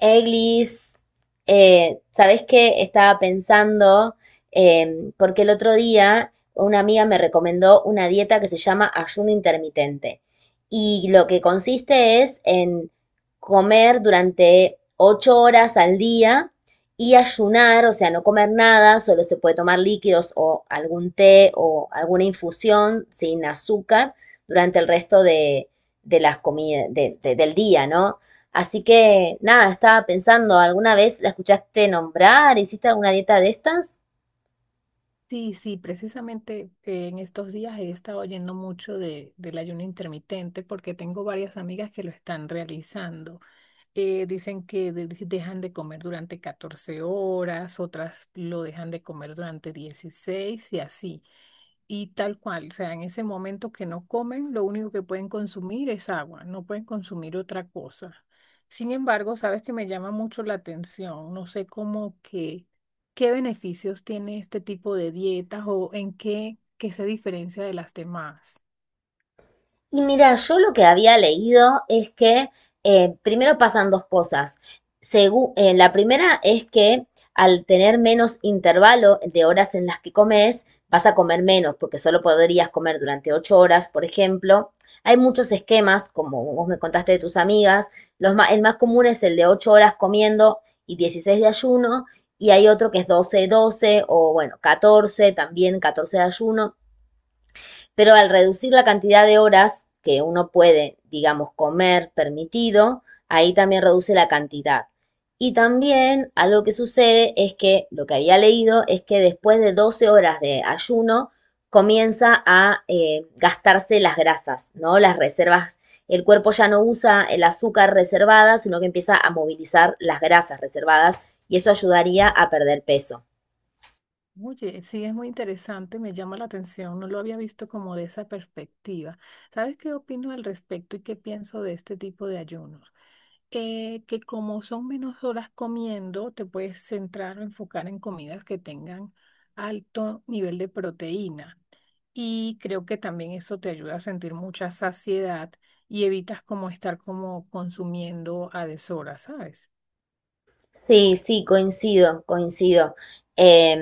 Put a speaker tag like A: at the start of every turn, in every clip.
A: Eglis, ¿sabés qué? Estaba pensando, porque el otro día una amiga me recomendó una dieta que se llama ayuno intermitente. Y lo que consiste es en comer durante ocho horas al día y ayunar, o sea, no comer nada, solo se puede tomar líquidos o algún té o alguna infusión sin azúcar durante de las comidas, del día, ¿no? Así que nada, estaba pensando, ¿alguna vez la escuchaste nombrar? ¿Hiciste alguna dieta de estas?
B: Sí, sí, precisamente, en estos días he estado oyendo mucho del ayuno intermitente porque tengo varias amigas que lo están realizando. Dicen que dejan de comer durante 14 horas, otras lo dejan de comer durante 16 y así. Y tal cual, o sea, en ese momento que no comen, lo único que pueden consumir es agua, no pueden consumir otra cosa. Sin embargo, sabes que me llama mucho la atención, no sé cómo que, qué beneficios tiene este tipo de dietas o en qué se diferencia de las demás.
A: Y mira, yo lo que había leído es que primero pasan dos cosas. La primera es que al tener menos intervalo de horas en las que comes, vas a comer menos, porque solo podrías comer durante ocho horas, por ejemplo. Hay muchos esquemas, como vos me contaste de tus amigas. El más común es el de ocho horas comiendo y 16 de ayuno, y hay otro que es doce doce o bueno, 14 también 14 de ayuno. Pero al reducir la cantidad de horas que uno puede, digamos, comer permitido, ahí también reduce la cantidad. Y también algo que sucede es que lo que había leído es que después de 12 horas de ayuno comienza a gastarse las grasas, ¿no? Las reservas. El cuerpo ya no usa el azúcar reservada, sino que empieza a movilizar las grasas reservadas y eso ayudaría a perder peso.
B: Oye, sí, es muy interesante, me llama la atención, no lo había visto como de esa perspectiva. ¿Sabes qué opino al respecto y qué pienso de este tipo de ayunos? Que como son menos horas comiendo, te puedes centrar o enfocar en comidas que tengan alto nivel de proteína. Y creo que también eso te ayuda a sentir mucha saciedad y evitas como estar como consumiendo a deshora, ¿sabes?
A: Sí, sí, coincido, coincido. Eh,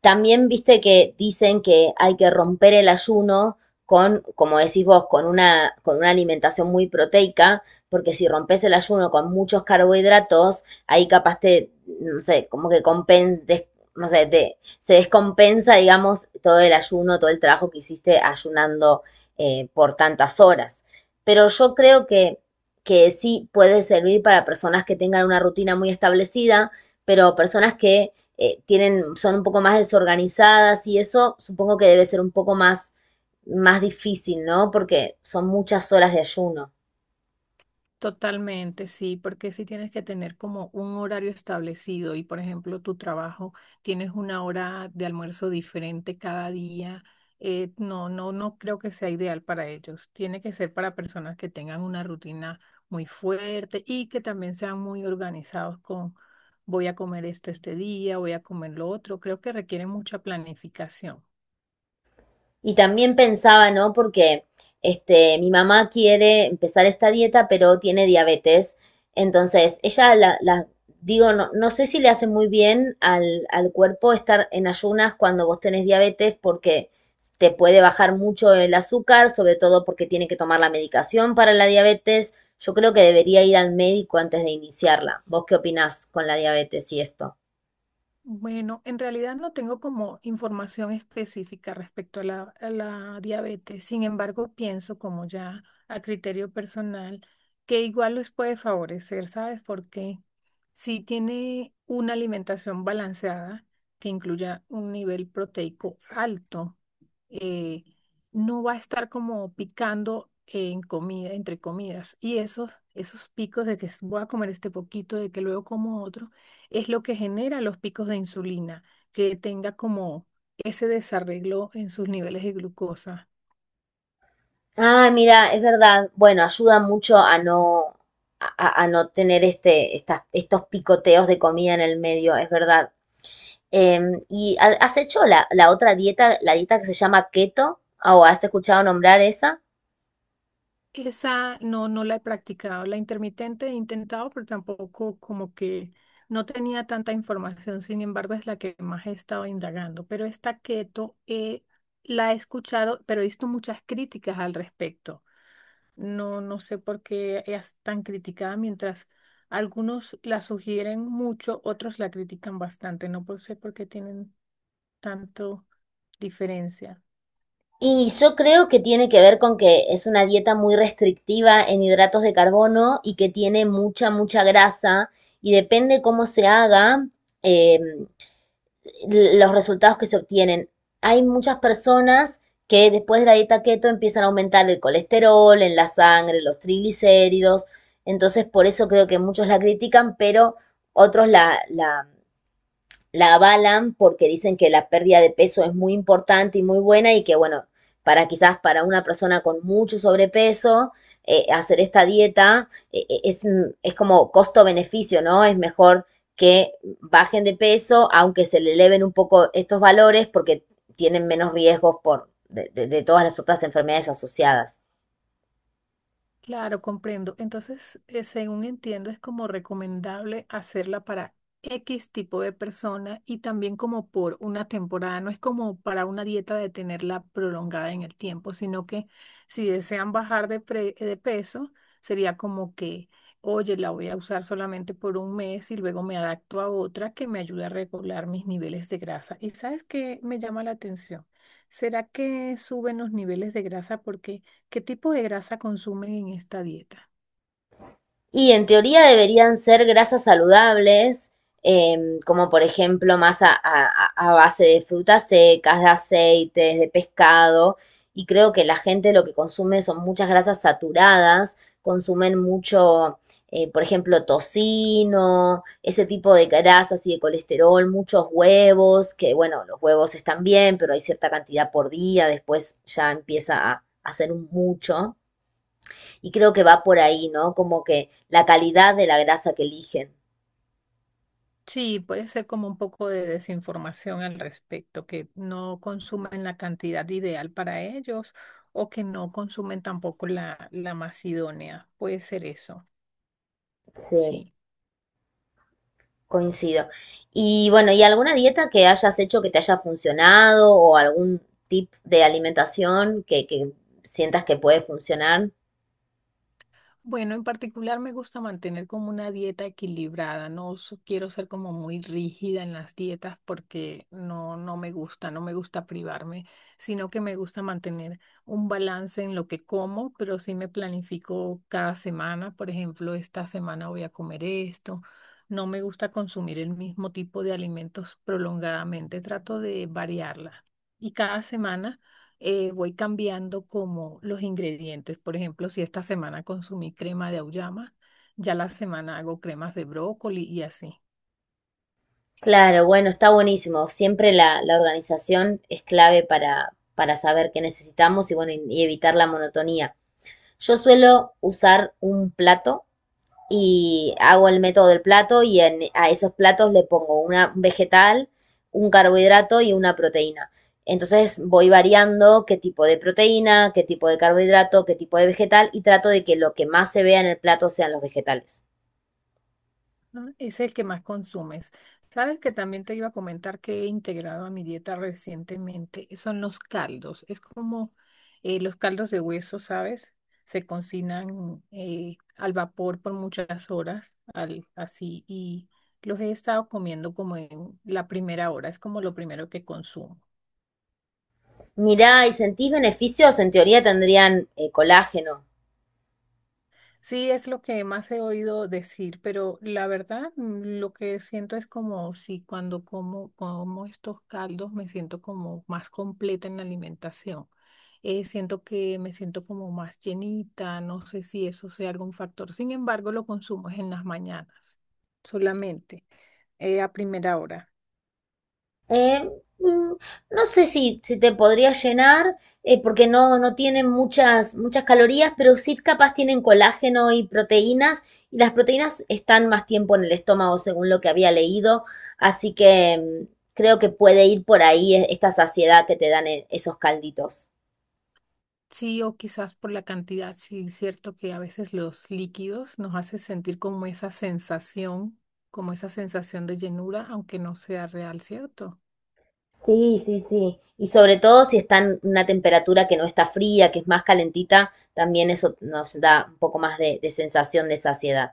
A: también viste que dicen que hay que romper el ayuno con, como decís vos, con una alimentación muy proteica, porque si rompes el ayuno con muchos carbohidratos, no sé, como que no sé, se descompensa, digamos, todo el ayuno, todo el trabajo que hiciste ayunando por tantas horas. Pero yo creo que sí puede servir para personas que tengan una rutina muy establecida, pero personas que tienen, son un poco más desorganizadas y eso supongo que debe ser un poco más, más difícil, ¿no? Porque son muchas horas de ayuno.
B: Totalmente, sí, porque si tienes que tener como un horario establecido y, por ejemplo, tu trabajo tienes una hora de almuerzo diferente cada día, no, no, no creo que sea ideal para ellos. Tiene que ser para personas que tengan una rutina muy fuerte y que también sean muy organizados con voy a comer esto este día, voy a comer lo otro. Creo que requiere mucha planificación.
A: Y también pensaba, ¿no? Porque este, mi mamá quiere empezar esta dieta, pero tiene diabetes. Entonces, digo, no, no sé si le hace muy bien al, al cuerpo estar en ayunas cuando vos tenés diabetes, porque te puede bajar mucho el azúcar, sobre todo porque tiene que tomar la medicación para la diabetes. Yo creo que debería ir al médico antes de iniciarla. ¿Vos qué opinás con la diabetes y esto?
B: Bueno, en realidad no tengo como información específica respecto a la diabetes. Sin embargo, pienso como ya a criterio personal que igual les puede favorecer, ¿sabes? Porque si tiene una alimentación balanceada que incluya un nivel proteico alto, eh, no va a estar como picando en comida, entre comidas. Y esos picos de que voy a comer este poquito, de que luego como otro es lo que genera los picos de insulina, que tenga como ese desarreglo en sus niveles de glucosa.
A: Ah, mira, es verdad. Bueno, ayuda mucho a no, a no tener estos picoteos de comida en el medio, es verdad. Em, ¿y has hecho la, la otra dieta, la dieta que se llama keto? ¿O has escuchado nombrar esa?
B: Esa no, no la he practicado, la intermitente he intentado, pero tampoco como que no tenía tanta información, sin embargo es la que más he estado indagando, pero esta keto, la he escuchado, pero he visto muchas críticas al respecto. No, no sé por qué es tan criticada mientras... Algunos la sugieren mucho, otros la critican bastante. No por- Sé por qué tienen tanto diferencia.
A: Y yo creo que tiene que ver con que es una dieta muy restrictiva en hidratos de carbono y que tiene mucha, mucha grasa y depende cómo se haga, eh, los resultados que se obtienen. Hay muchas personas que después de la dieta keto empiezan a aumentar el colesterol en la sangre, los triglicéridos, entonces por eso creo que muchos la critican, pero otros la avalan porque dicen que la pérdida de peso es muy importante y muy buena y que, bueno, para quizás para una persona con mucho sobrepeso, hacer esta dieta es, mm, es como costo-beneficio, ¿no? Es mejor que bajen de peso, aunque se le eleven un poco estos valores porque tienen menos riesgos de todas las otras enfermedades asociadas.
B: Claro, comprendo. Entonces, según entiendo, es como recomendable hacerla para X tipo de persona y también como por una temporada. No es como para una dieta de tenerla prolongada en el tiempo, sino que si desean bajar de peso, sería como que, oye, la voy a usar solamente por un mes y luego me adapto a otra que me ayude a regular mis niveles de grasa. ¿Y sabes qué me llama la atención? ¿Será que suben los niveles de grasa porque... ¿Qué tipo de grasa consumen en esta dieta?
A: Y en teoría deberían ser grasas saludables, em, como por ejemplo base de frutas secas, de aceites, de pescado. Y creo que la gente lo que consume son muchas grasas saturadas, consumen mucho, por ejemplo, tocino, ese tipo de grasas y de colesterol, muchos huevos, que bueno, los huevos están bien, pero hay cierta cantidad por día, después ya empieza a, hacer un mucho. Y creo que va por ahí, ¿no? Como que la calidad de la grasa que eligen.
B: Sí, puede ser como un poco de desinformación al respecto, que no consumen la cantidad ideal para ellos o que no consumen tampoco la más idónea. Puede ser eso,
A: Sí,
B: sí.
A: coincido. Y bueno, ¿y alguna dieta que hayas hecho que te haya funcionado o algún tip de alimentación que sientas que puede funcionar?
B: Bueno, en particular me gusta mantener como una dieta equilibrada, no quiero ser como muy rígida en las dietas porque no, no me gusta, no me gusta privarme, sino que me gusta mantener un balance en lo que como, pero sí me planifico cada semana, por ejemplo, esta semana voy a comer esto, no me gusta consumir el mismo tipo de alimentos prolongadamente, trato de variarla. Y cada semana voy cambiando como los ingredientes. Por ejemplo, si esta semana consumí crema de auyama, ya la semana hago cremas de brócoli y así.
A: Claro, bueno, está buenísimo. Siempre la organización es clave para saber qué necesitamos y bueno, y evitar la monotonía. Yo suelo usar un plato y hago el método del plato y a esos platos le pongo un vegetal, un carbohidrato y una proteína. Entonces voy variando qué tipo de proteína, qué tipo de carbohidrato, qué tipo de vegetal y trato de que lo que más se vea en el plato sean los vegetales.
B: ¿No? Ese es el que más consumes. Sabes que también te iba a comentar que he integrado a mi dieta recientemente, son los caldos. Es como los caldos de hueso, ¿sabes? Se cocinan al vapor por muchas horas, al, así, y los he estado comiendo como en la primera hora, es como lo primero que consumo.
A: Mirá, ¿y sentís beneficios? En teoría tendrían colágeno.
B: Sí, es lo que más he oído decir, pero la verdad, lo que siento es como si cuando como, como estos caldos me siento como más completa en la alimentación. Siento que me siento como más llenita, no sé si eso sea algún factor. Sin embargo, lo consumo es en las mañanas, solamente, a primera hora.
A: Eh, mm, no sé si, si te podría llenar, porque no, no tienen muchas, muchas calorías, pero sí capaz tienen colágeno y proteínas, y las proteínas están más tiempo en el estómago, según lo que había leído, así que mm, creo que puede ir por ahí esta saciedad que te dan esos calditos.
B: Sí, o quizás por la cantidad, sí, es cierto que a veces los líquidos nos hace sentir como esa sensación de llenura, aunque no sea real, ¿cierto?
A: Sí, sí, sí. Y sobre todo si está en una temperatura que no está fría, que es más calentita, también eso nos da un poco más de sensación de saciedad.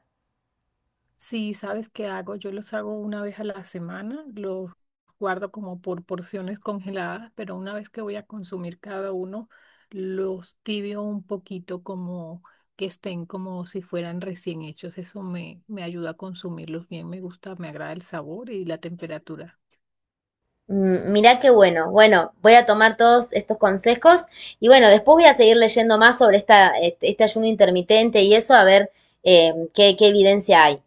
B: Sí, ¿sabes qué hago? Yo los hago una vez a la semana, los guardo como por porciones congeladas, pero una vez que voy a consumir cada uno, los tibio un poquito como que estén como si fueran recién hechos. Eso me ayuda a consumirlos bien, me gusta, me agrada el sabor y la temperatura.
A: Mm, mirá qué bueno. Bueno, voy a tomar todos estos consejos y bueno, después voy a seguir leyendo más sobre este ayuno intermitente y eso a ver qué evidencia hay.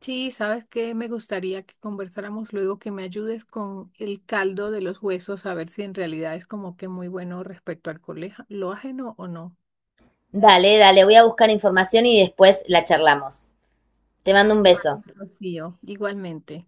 B: Sí, sabes que me gustaría que conversáramos luego, que me ayudes con el caldo de los huesos, a ver si en realidad es como que muy bueno respecto al lo ajeno o no.
A: Dale, dale, voy a buscar información y después la charlamos. Te mando un beso.
B: Vale, Rocío, igualmente.